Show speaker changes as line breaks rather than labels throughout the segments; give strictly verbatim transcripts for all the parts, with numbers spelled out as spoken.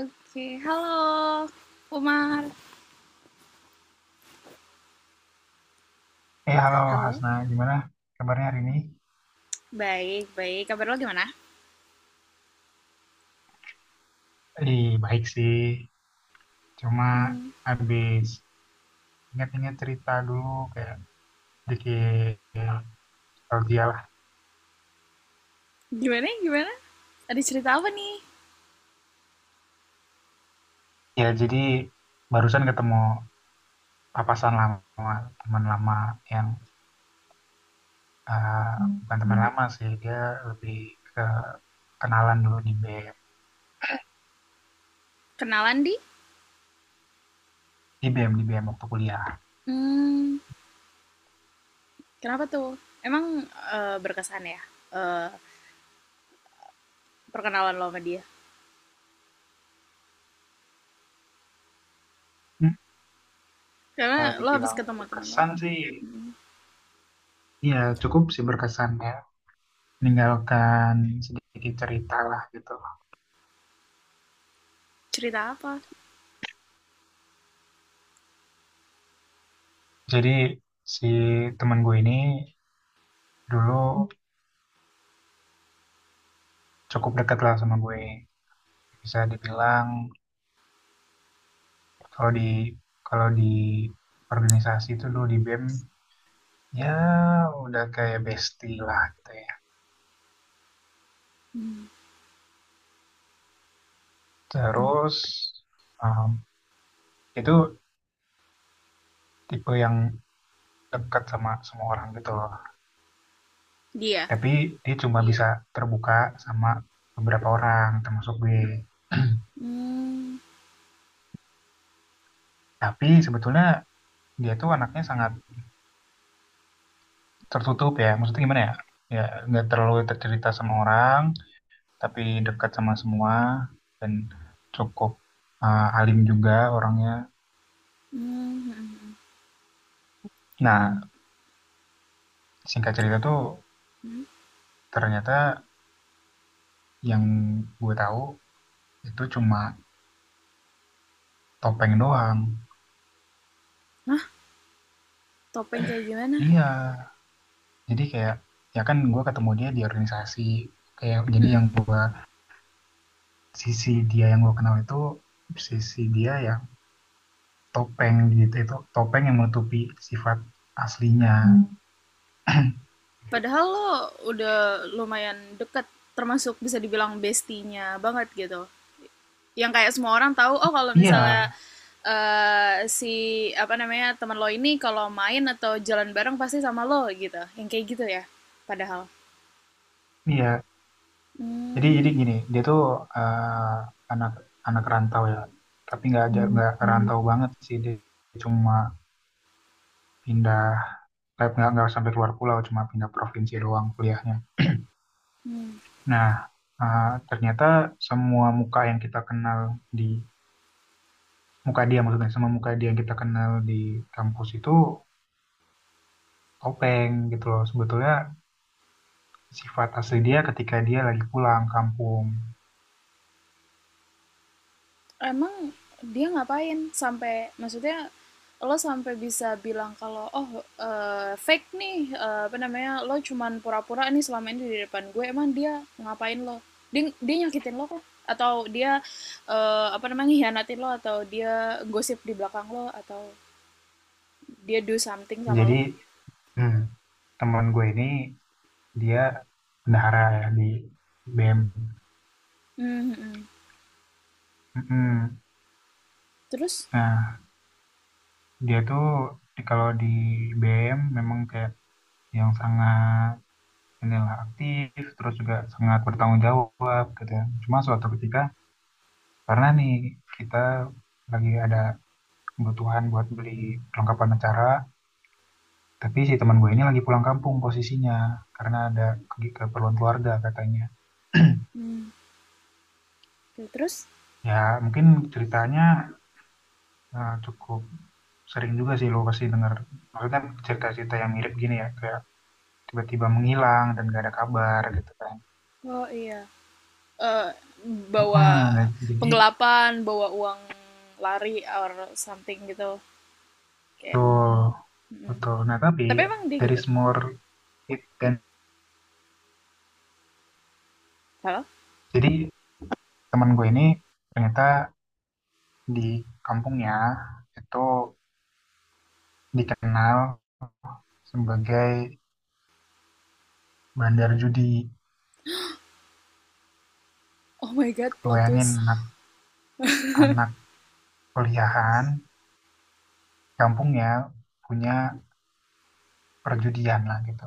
Oke, halo Umar.
Eh, halo
Halo.
Hasna, gimana kabarnya hari ini?
Baik, baik. Kabar lo gimana?
Ih, baik sih. Cuma
Hmm.
habis ingat-ingat cerita dulu, kayak dikit nostalgia lah.
Gimana, gimana? Ada cerita apa nih?
Ya, jadi barusan ketemu papasan lama, teman lama yang eh, bukan teman lama sih, dia lebih ke kenalan dulu di B M,
Kenalan di?
di B M, di B M waktu kuliah.
Hmm, kenapa tuh? Emang eh, berkesan ya, eh, perkenalan lo sama dia?
Hmm.
Karena
Kalau
lo habis
dibilang
ketemu temen lo.
berkesan sih, ya cukup sih berkesan ya. Meninggalkan sedikit cerita lah gitu.
Cerita apa?
Jadi si teman gue ini dulu cukup dekat lah sama gue. Bisa dibilang kalau di kalau di organisasi itu dulu di BEM, ya udah kayak bestie lah gitu ya.
Hmm.
Terus um, itu tipe yang dekat sama semua orang gitu loh.
Dia?
Tapi dia cuma bisa terbuka sama beberapa orang termasuk gue.
Hmm,
Tapi sebetulnya dia tuh anaknya sangat tertutup ya, maksudnya gimana ya, ya nggak terlalu tercerita sama orang tapi dekat sama semua dan cukup uh, alim juga orangnya.
hmm, hmm, hmm.
Nah, singkat cerita
Kenapa?
tuh
Hmm?
ternyata yang gue tahu itu cuma topeng doang.
Hah? Topeng kayak gimana?
Iya, jadi kayak, ya kan gue ketemu dia di organisasi, kayak
Hmm,
jadi yang
hmm.
gue sisi dia yang gue kenal itu sisi dia yang topeng gitu, itu topeng yang menutupi sifat aslinya.
Padahal lo udah lumayan deket, termasuk bisa dibilang bestinya banget gitu. Yang kayak semua orang tahu, oh
Hmm.
kalau
Iya,
misalnya, eh, si apa namanya teman lo ini kalau main atau jalan bareng pasti sama lo gitu. Yang kayak gitu ya. Padahal.
iya, jadi jadi
Hmm,
gini, dia tuh eh, anak anak rantau ya, tapi nggak aja nggak. Mhm. Rantau banget sih, dia cuma pindah, kayak nggak nggak sampai keluar pulau, cuma pindah provinsi doang kuliahnya.
hmm.
Nah, eh, ternyata semua muka yang kita kenal di muka dia maksudnya, semua muka dia yang kita kenal di kampus itu topeng gitu loh. Sebetulnya sifat asli dia ketika dia lagi pulang kampung.
Emang dia ngapain sampai maksudnya lo sampai bisa bilang kalau, "Oh, eee, fake nih," eee, apa namanya, "lo cuman pura-pura nih selama ini di depan gue." Emang dia ngapain lo? Dia dia nyakitin lo kah? Atau dia, eee, apa namanya, hianatin lo atau dia gosip di belakang lo atau dia do something sama
Jadi,
lo?
hmm, teman gue ini dia bendahara ya di B M.
Mmm, mhm.
Mm-mm.
Terus?
Nah, dia tuh di- kalau di B M memang kayak yang sangat inilah aktif, terus juga sangat bertanggung jawab gitu ya. Cuma suatu ketika, karena nih kita lagi ada kebutuhan buat beli perlengkapan acara, tapi si teman gue ini lagi pulang kampung posisinya, karena ada ke- keperluan keluarga katanya.
Mmm, oke, terus?
Ya, mungkin ceritanya, nah, cukup sering juga sih lo pasti dengar. Maksudnya cerita-cerita yang mirip gini ya, kayak tiba-tiba menghilang dan gak ada kabar gitu kan.
Oh, iya, eee, bawa
Heeh, nah, jadi
penggelapan, bawa uang lari or something gitu? Kayak,
betul,
mm.
betul. Nah, tapi
Tapi emang dia
dari
gitu
more it kan.
salah.
Jadi teman gue ini ternyata di kampungnya itu dikenal sebagai bandar judi.
Oh my God,
Lo
plot
bayangin
twist.
anak, anak kuliahan kampungnya punya perjudian lah gitu.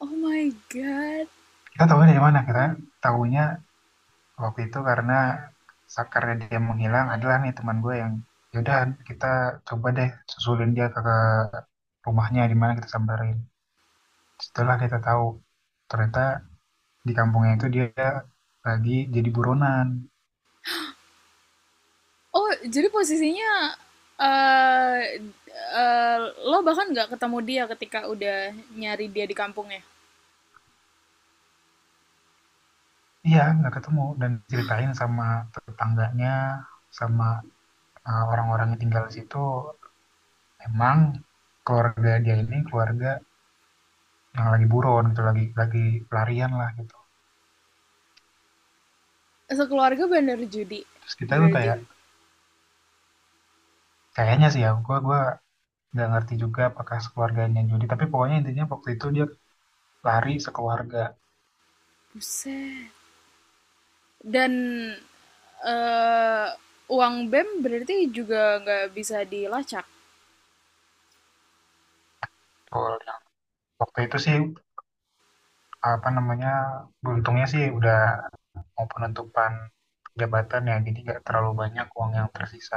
Oh my God.
Kita tahunya dari mana? Kita tahunya waktu itu karena sakarnya dia menghilang adalah nih teman gue yang yaudah kita coba deh susulin dia ke, ke rumahnya di mana kita samperin. Setelah kita tahu ternyata di kampungnya itu dia lagi jadi buronan.
Oh, jadi posisinya, eh eh, lo bahkan nggak ketemu dia ketika udah nyari dia di kampungnya?
Iya, nggak ketemu dan ceritain sama tetangganya, sama eh, orang-orang yang tinggal di situ. Emang keluarga dia ini keluarga yang lagi buron gitu, lagi lagi pelarian lah gitu.
Sekeluarga bandar judi
Terus kita tuh
berarti.
kayak, kayaknya sih ya, gue gua nggak ngerti juga apakah sekeluarganya Jody. Tapi pokoknya intinya waktu itu dia lari sekeluarga.
Buset. Dan eh uang bem berarti juga nggak bisa dilacak?
Gol. Yang waktu itu sih apa namanya, beruntungnya sih udah mau penentupan jabatan ya, jadi nggak terlalu banyak uang yang tersisa.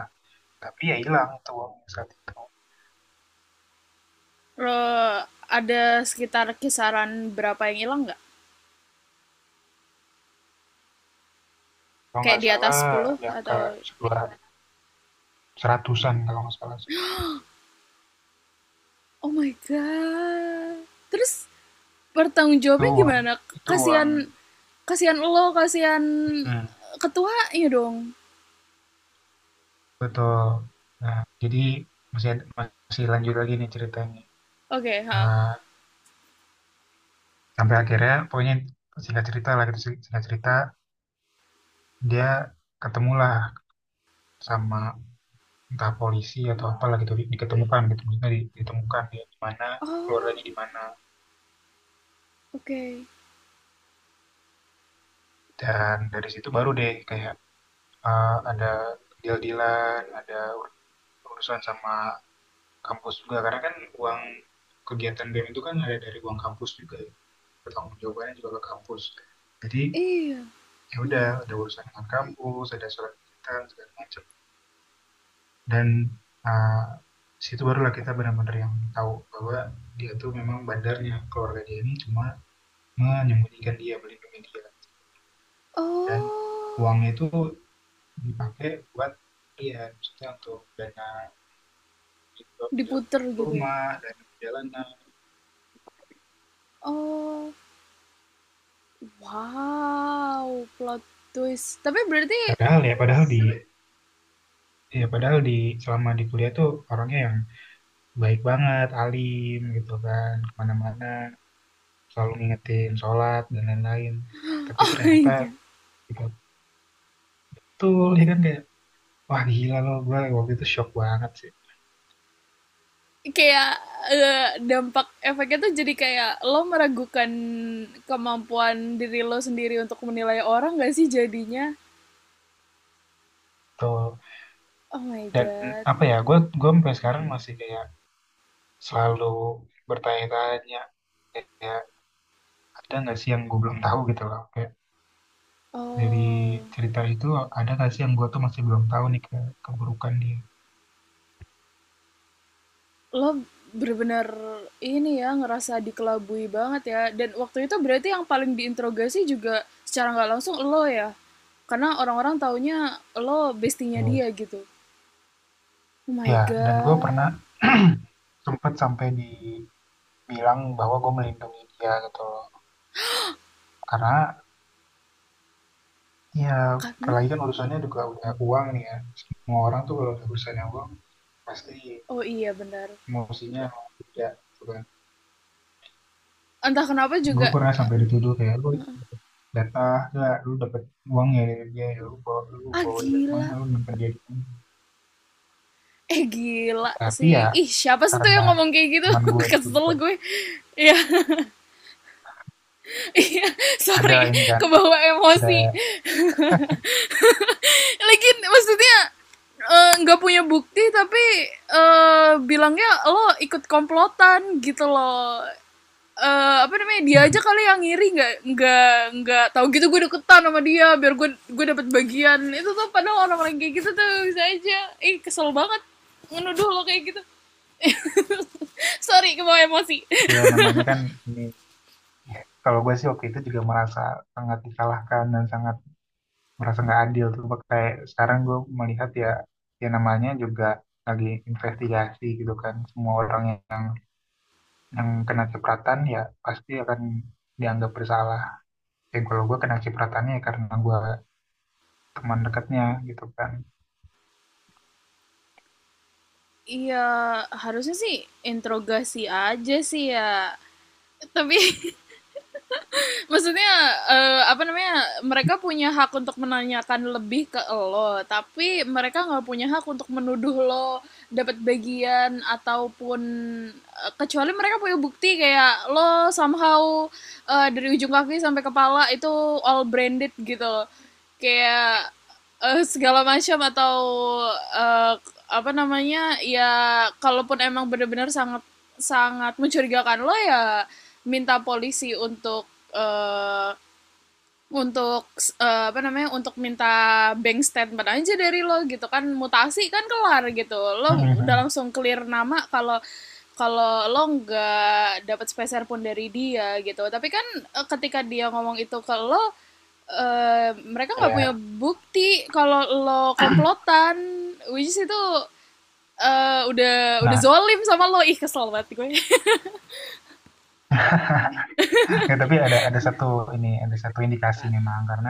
Tapi ya hilang itu uangnya saat itu.
Lo ada sekitar kisaran berapa yang hilang nggak?
Kalau
Kayak
nggak
di atas
salah
sepuluh
di angka
atau.
sebelah seratusan kalau nggak salah.
Oh my God. Terus bertanggung
Itu
jawabnya
uang,
gimana?
itu uang.
Kasihan, kasihan lo, kasihan
Hmm,
ketua iya dong.
betul. Nah, jadi masih masih lanjut lagi nih ceritanya.
Oke, okay, ha.
Eh, sampai akhirnya pokoknya singkat cerita lah gitu sing- singkat cerita dia ketemulah sama entah polisi atau apalah gitu di- diketemukan gitu maksudnya di- ditemukan dia di mana
Oh,
keluarganya di mana.
oke. Okay.
Dan dari situ baru deh kayak eh, ada deal-dealan, ada ur- urusan sama kampus juga karena kan uang kegiatan BEM itu kan ada dari uang kampus juga ya, pertanggung jawabannya juga ke kampus. Jadi
Iya.
ya udah ada urusan dengan kampus, ada surat kegiatan segala macam. Dan eh, situ barulah kita benar-benar yang tahu bahwa dia tuh memang bandarnya, keluarga dia ini cuma menyembunyikan dia melindungi dia. Dan
Oh,
uangnya itu dipakai buat dia maksudnya untuk dana untuk pindah
diputer gitu ya.
rumah dan perjalanan.
Oh, wow, plot twist. Tapi berarti
Padahal ya padahal di ya padahal di selama di kuliah tuh orangnya yang baik banget alim gitu kan kemana-mana selalu ngingetin sholat dan lain-lain. Tapi
oh my
ternyata
God.
betul ya kan kayak, wah gila loh, gue waktu itu shock banget sih.
Kayak, eh, dampak efeknya tuh jadi kayak lo meragukan kemampuan diri lo sendiri untuk menilai orang gak sih jadinya?
Tuh.
Oh my
Dan
God.
apa ya, gue gue sampai sekarang masih kayak selalu bertanya-tanya kayak ada nggak sih yang gue belum tahu gitu loh. Kayak dari
Oh,
cerita itu ada nggak sih yang gue tuh masih belum tahu nih ke keburukan dia.
lo bener-bener ini ya, ngerasa dikelabui banget ya. Dan waktu itu berarti yang paling diinterogasi juga secara nggak langsung lo ya? Karena orang-orang taunya lo bestinya
Tuh.
dia gitu. Oh my
Ya, dan gue pernah
God.
sempat sampai dibilang bahwa gue melindungi dia gitu loh. Karena ya
Karena?
apalagi kan urusannya juga udah uang nih ya. Semua orang tuh kalau udah urusannya uang pasti
Oh, iya benar.
emosinya tidak gitu kan.
Entah kenapa
Gue
juga,
pernah sampai dituduh kayak lu jatah gak lu dapet uang ya dari dia ya lu bawa lu
ah
bawa dia
gila.
kemana lu nyimpen dia di mana.
Eh, gila
Tapi ya
sih. Ih, siapa sih tuh
karena
yang ngomong kayak gitu?
teman gue itu
Kesel
juga
gue. Iya. Iya,
ada
sorry,
ini kan ada
kebawa
ada
emosi. Lagi maksudnya, eh, nggak, uh, punya bukti tapi, eh, bilangnya lo ikut komplotan gitu loh. Eh, apa namanya, dia aja kali yang ngiri, nggak nggak nggak tahu gitu, gue deketan sama dia biar gue gue dapat bagian itu tuh, padahal orang-orang kayak gitu tuh bisa aja. Ih, eh, kesel banget menuduh lo kayak gitu. Sorry, kebawa emosi.
ya namanya kan ini ya, kalau gue sih waktu itu juga merasa sangat disalahkan dan sangat merasa nggak adil tuh. Kayak sekarang gue melihat ya, ya namanya juga lagi investigasi gitu kan semua orang yang yang kena cipratan ya pasti akan dianggap bersalah. Ya kalau gue kena cipratannya ya karena gue teman dekatnya gitu kan.
Iya, harusnya sih interogasi aja sih ya. Tapi maksudnya, eh, apa namanya? Mereka punya hak untuk menanyakan lebih ke lo, tapi mereka nggak punya hak untuk menuduh lo dapat bagian ataupun, eh, kecuali mereka punya bukti kayak lo somehow, eh, dari ujung kaki sampai kepala itu all branded gitu loh. Kayak, Eee, segala macam atau, eee, apa namanya, ya kalaupun emang benar-benar sangat sangat mencurigakan lo, ya minta polisi untuk, eee, untuk s eh, apa namanya, untuk minta bank statement aja dari lo gitu kan, mutasi kan kelar gitu. Lo udah
Mhm.
langsung clear nama kalau kalau lo nggak dapat sepeser pun dari dia gitu. Tapi kan, eh, ketika dia ngomong itu ke lo, eee, mereka nggak punya
Ya,
bukti kalau lo komplotan, which is itu, eee, udah udah
nah,
zolim sama lo. Ih, kesel banget gue.
ya, tapi ada ada satu ini ada satu indikasi memang karena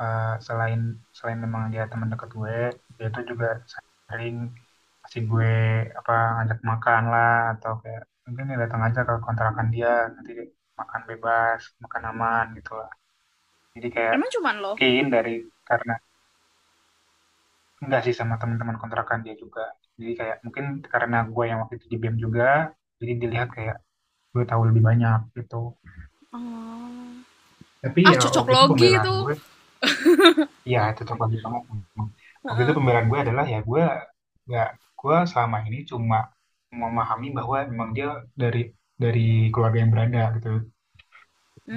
eh, selain selain memang dia teman dekat gue, dia tuh juga sering kasih gue apa ngajak makan lah atau kayak mungkin ya datang aja ke kontrakan dia, nanti makan bebas, makan aman gitu lah. Jadi kayak
Emang cuman lo?
mungkin dari karena, enggak sih sama teman-teman kontrakan dia juga. Jadi kayak mungkin karena gue yang waktu itu di BEM juga, jadi dilihat kayak gue tahu lebih banyak gitu.
Oh.
Tapi
Ah,
ya waktu itu
cocoklogi
pembelaan
itu.
gue, ya cocok lagi banget. Memang. Waktu itu
Heeh.
pembelaan gue adalah ya gue nggak gue selama ini cuma memahami bahwa memang dia dari dari keluarga yang berada gitu.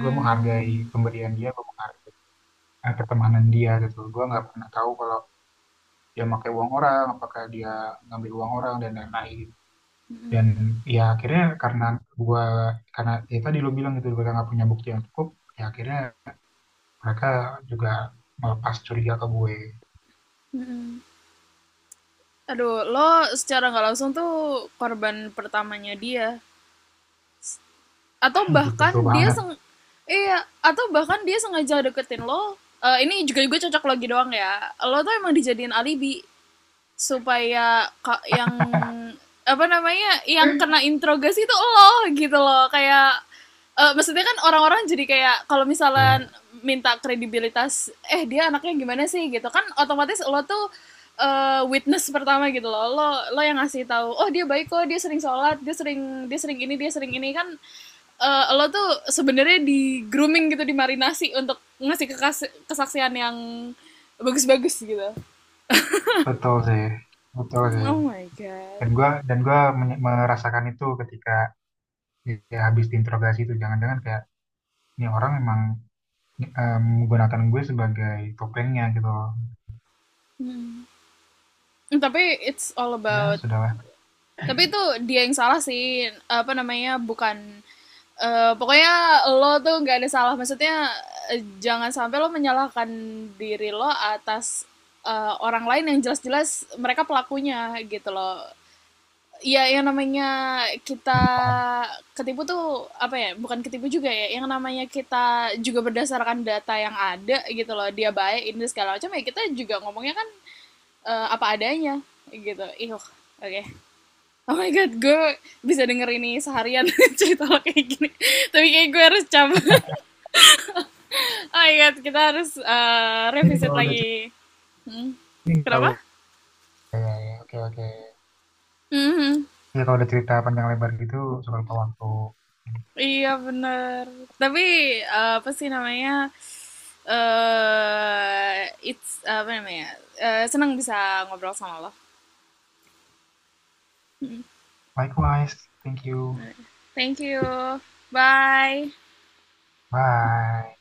Gue menghargai pemberian dia, gue menghargai eh, pertemanan dia gitu. Gue nggak pernah tahu kalau dia pakai uang orang, apakah dia ngambil uang orang dan lain-lain. Dan ya akhirnya karena gua karena ya tadi lo bilang gitu mereka nggak punya bukti yang cukup, ya akhirnya mereka juga melepas curiga ke gue.
Aduh, lo secara nggak langsung tuh korban pertamanya dia. Atau
Ih, betul
bahkan dia
banget.
seng Iya, atau bahkan dia sengaja deketin lo, eee, ini juga juga cocok logi doang ya, lo tuh emang dijadiin alibi. Supaya ka- yang apa namanya, yang kena interogasi itu lo gitu loh. Kayak, eh, maksudnya kan orang-orang jadi kayak kalau
Iya,
misalnya minta kredibilitas, eh, dia anaknya gimana sih gitu kan, otomatis lo tuh, eh, witness pertama gitu loh. Lo lo yang ngasih tahu, oh dia baik kok, dia sering sholat, dia sering dia sering ini, dia sering ini kan, eh, lo tuh sebenarnya di grooming gitu, dimarinasi untuk ngasih kekas- kesaksian yang bagus-bagus gitu.
betul sih, betul sih.
Oh my God.
Dan gua dan gua menye- merasakan itu ketika ya habis diinterogasi itu jangan-jangan kayak ini orang emang eh, menggunakan gue sebagai topengnya gitu loh.
Mm. Tapi it's all
Ya
about
sudahlah,
Tapi itu dia yang salah sih apa namanya, bukan, eh, pokoknya lo tuh gak ada salah, maksudnya, eh, jangan sampai lo menyalahkan diri lo atas, eh, orang lain yang jelas-jelas mereka pelakunya gitu loh. Ya yang namanya kita ketipu tuh apa ya, bukan ketipu juga ya, yang namanya kita juga berdasarkan data yang ada gitu loh, dia baik ini segala macam, ya kita juga ngomongnya kan, eh, apa adanya gitu. Ih, oke. Okay. Oh my God, gue bisa denger ini seharian cerita lo kayak gini. Tapi kayak gue harus cabut. Oh my God, kita harus, eh,
ini
revisit
kalau udah cerita
lagi. Hmm,
ini
kenapa?
tahu ya, ya, oke oke,
Mhm.
ya kalau udah cerita panjang lebar gitu soal waktu.
Iya bener. Tapi, eh, apa sih namanya, eh it's, uh, apa namanya. Eh, senang bisa ngobrol sama lo.
Likewise, thank you.
Thank you. Bye.
Bye.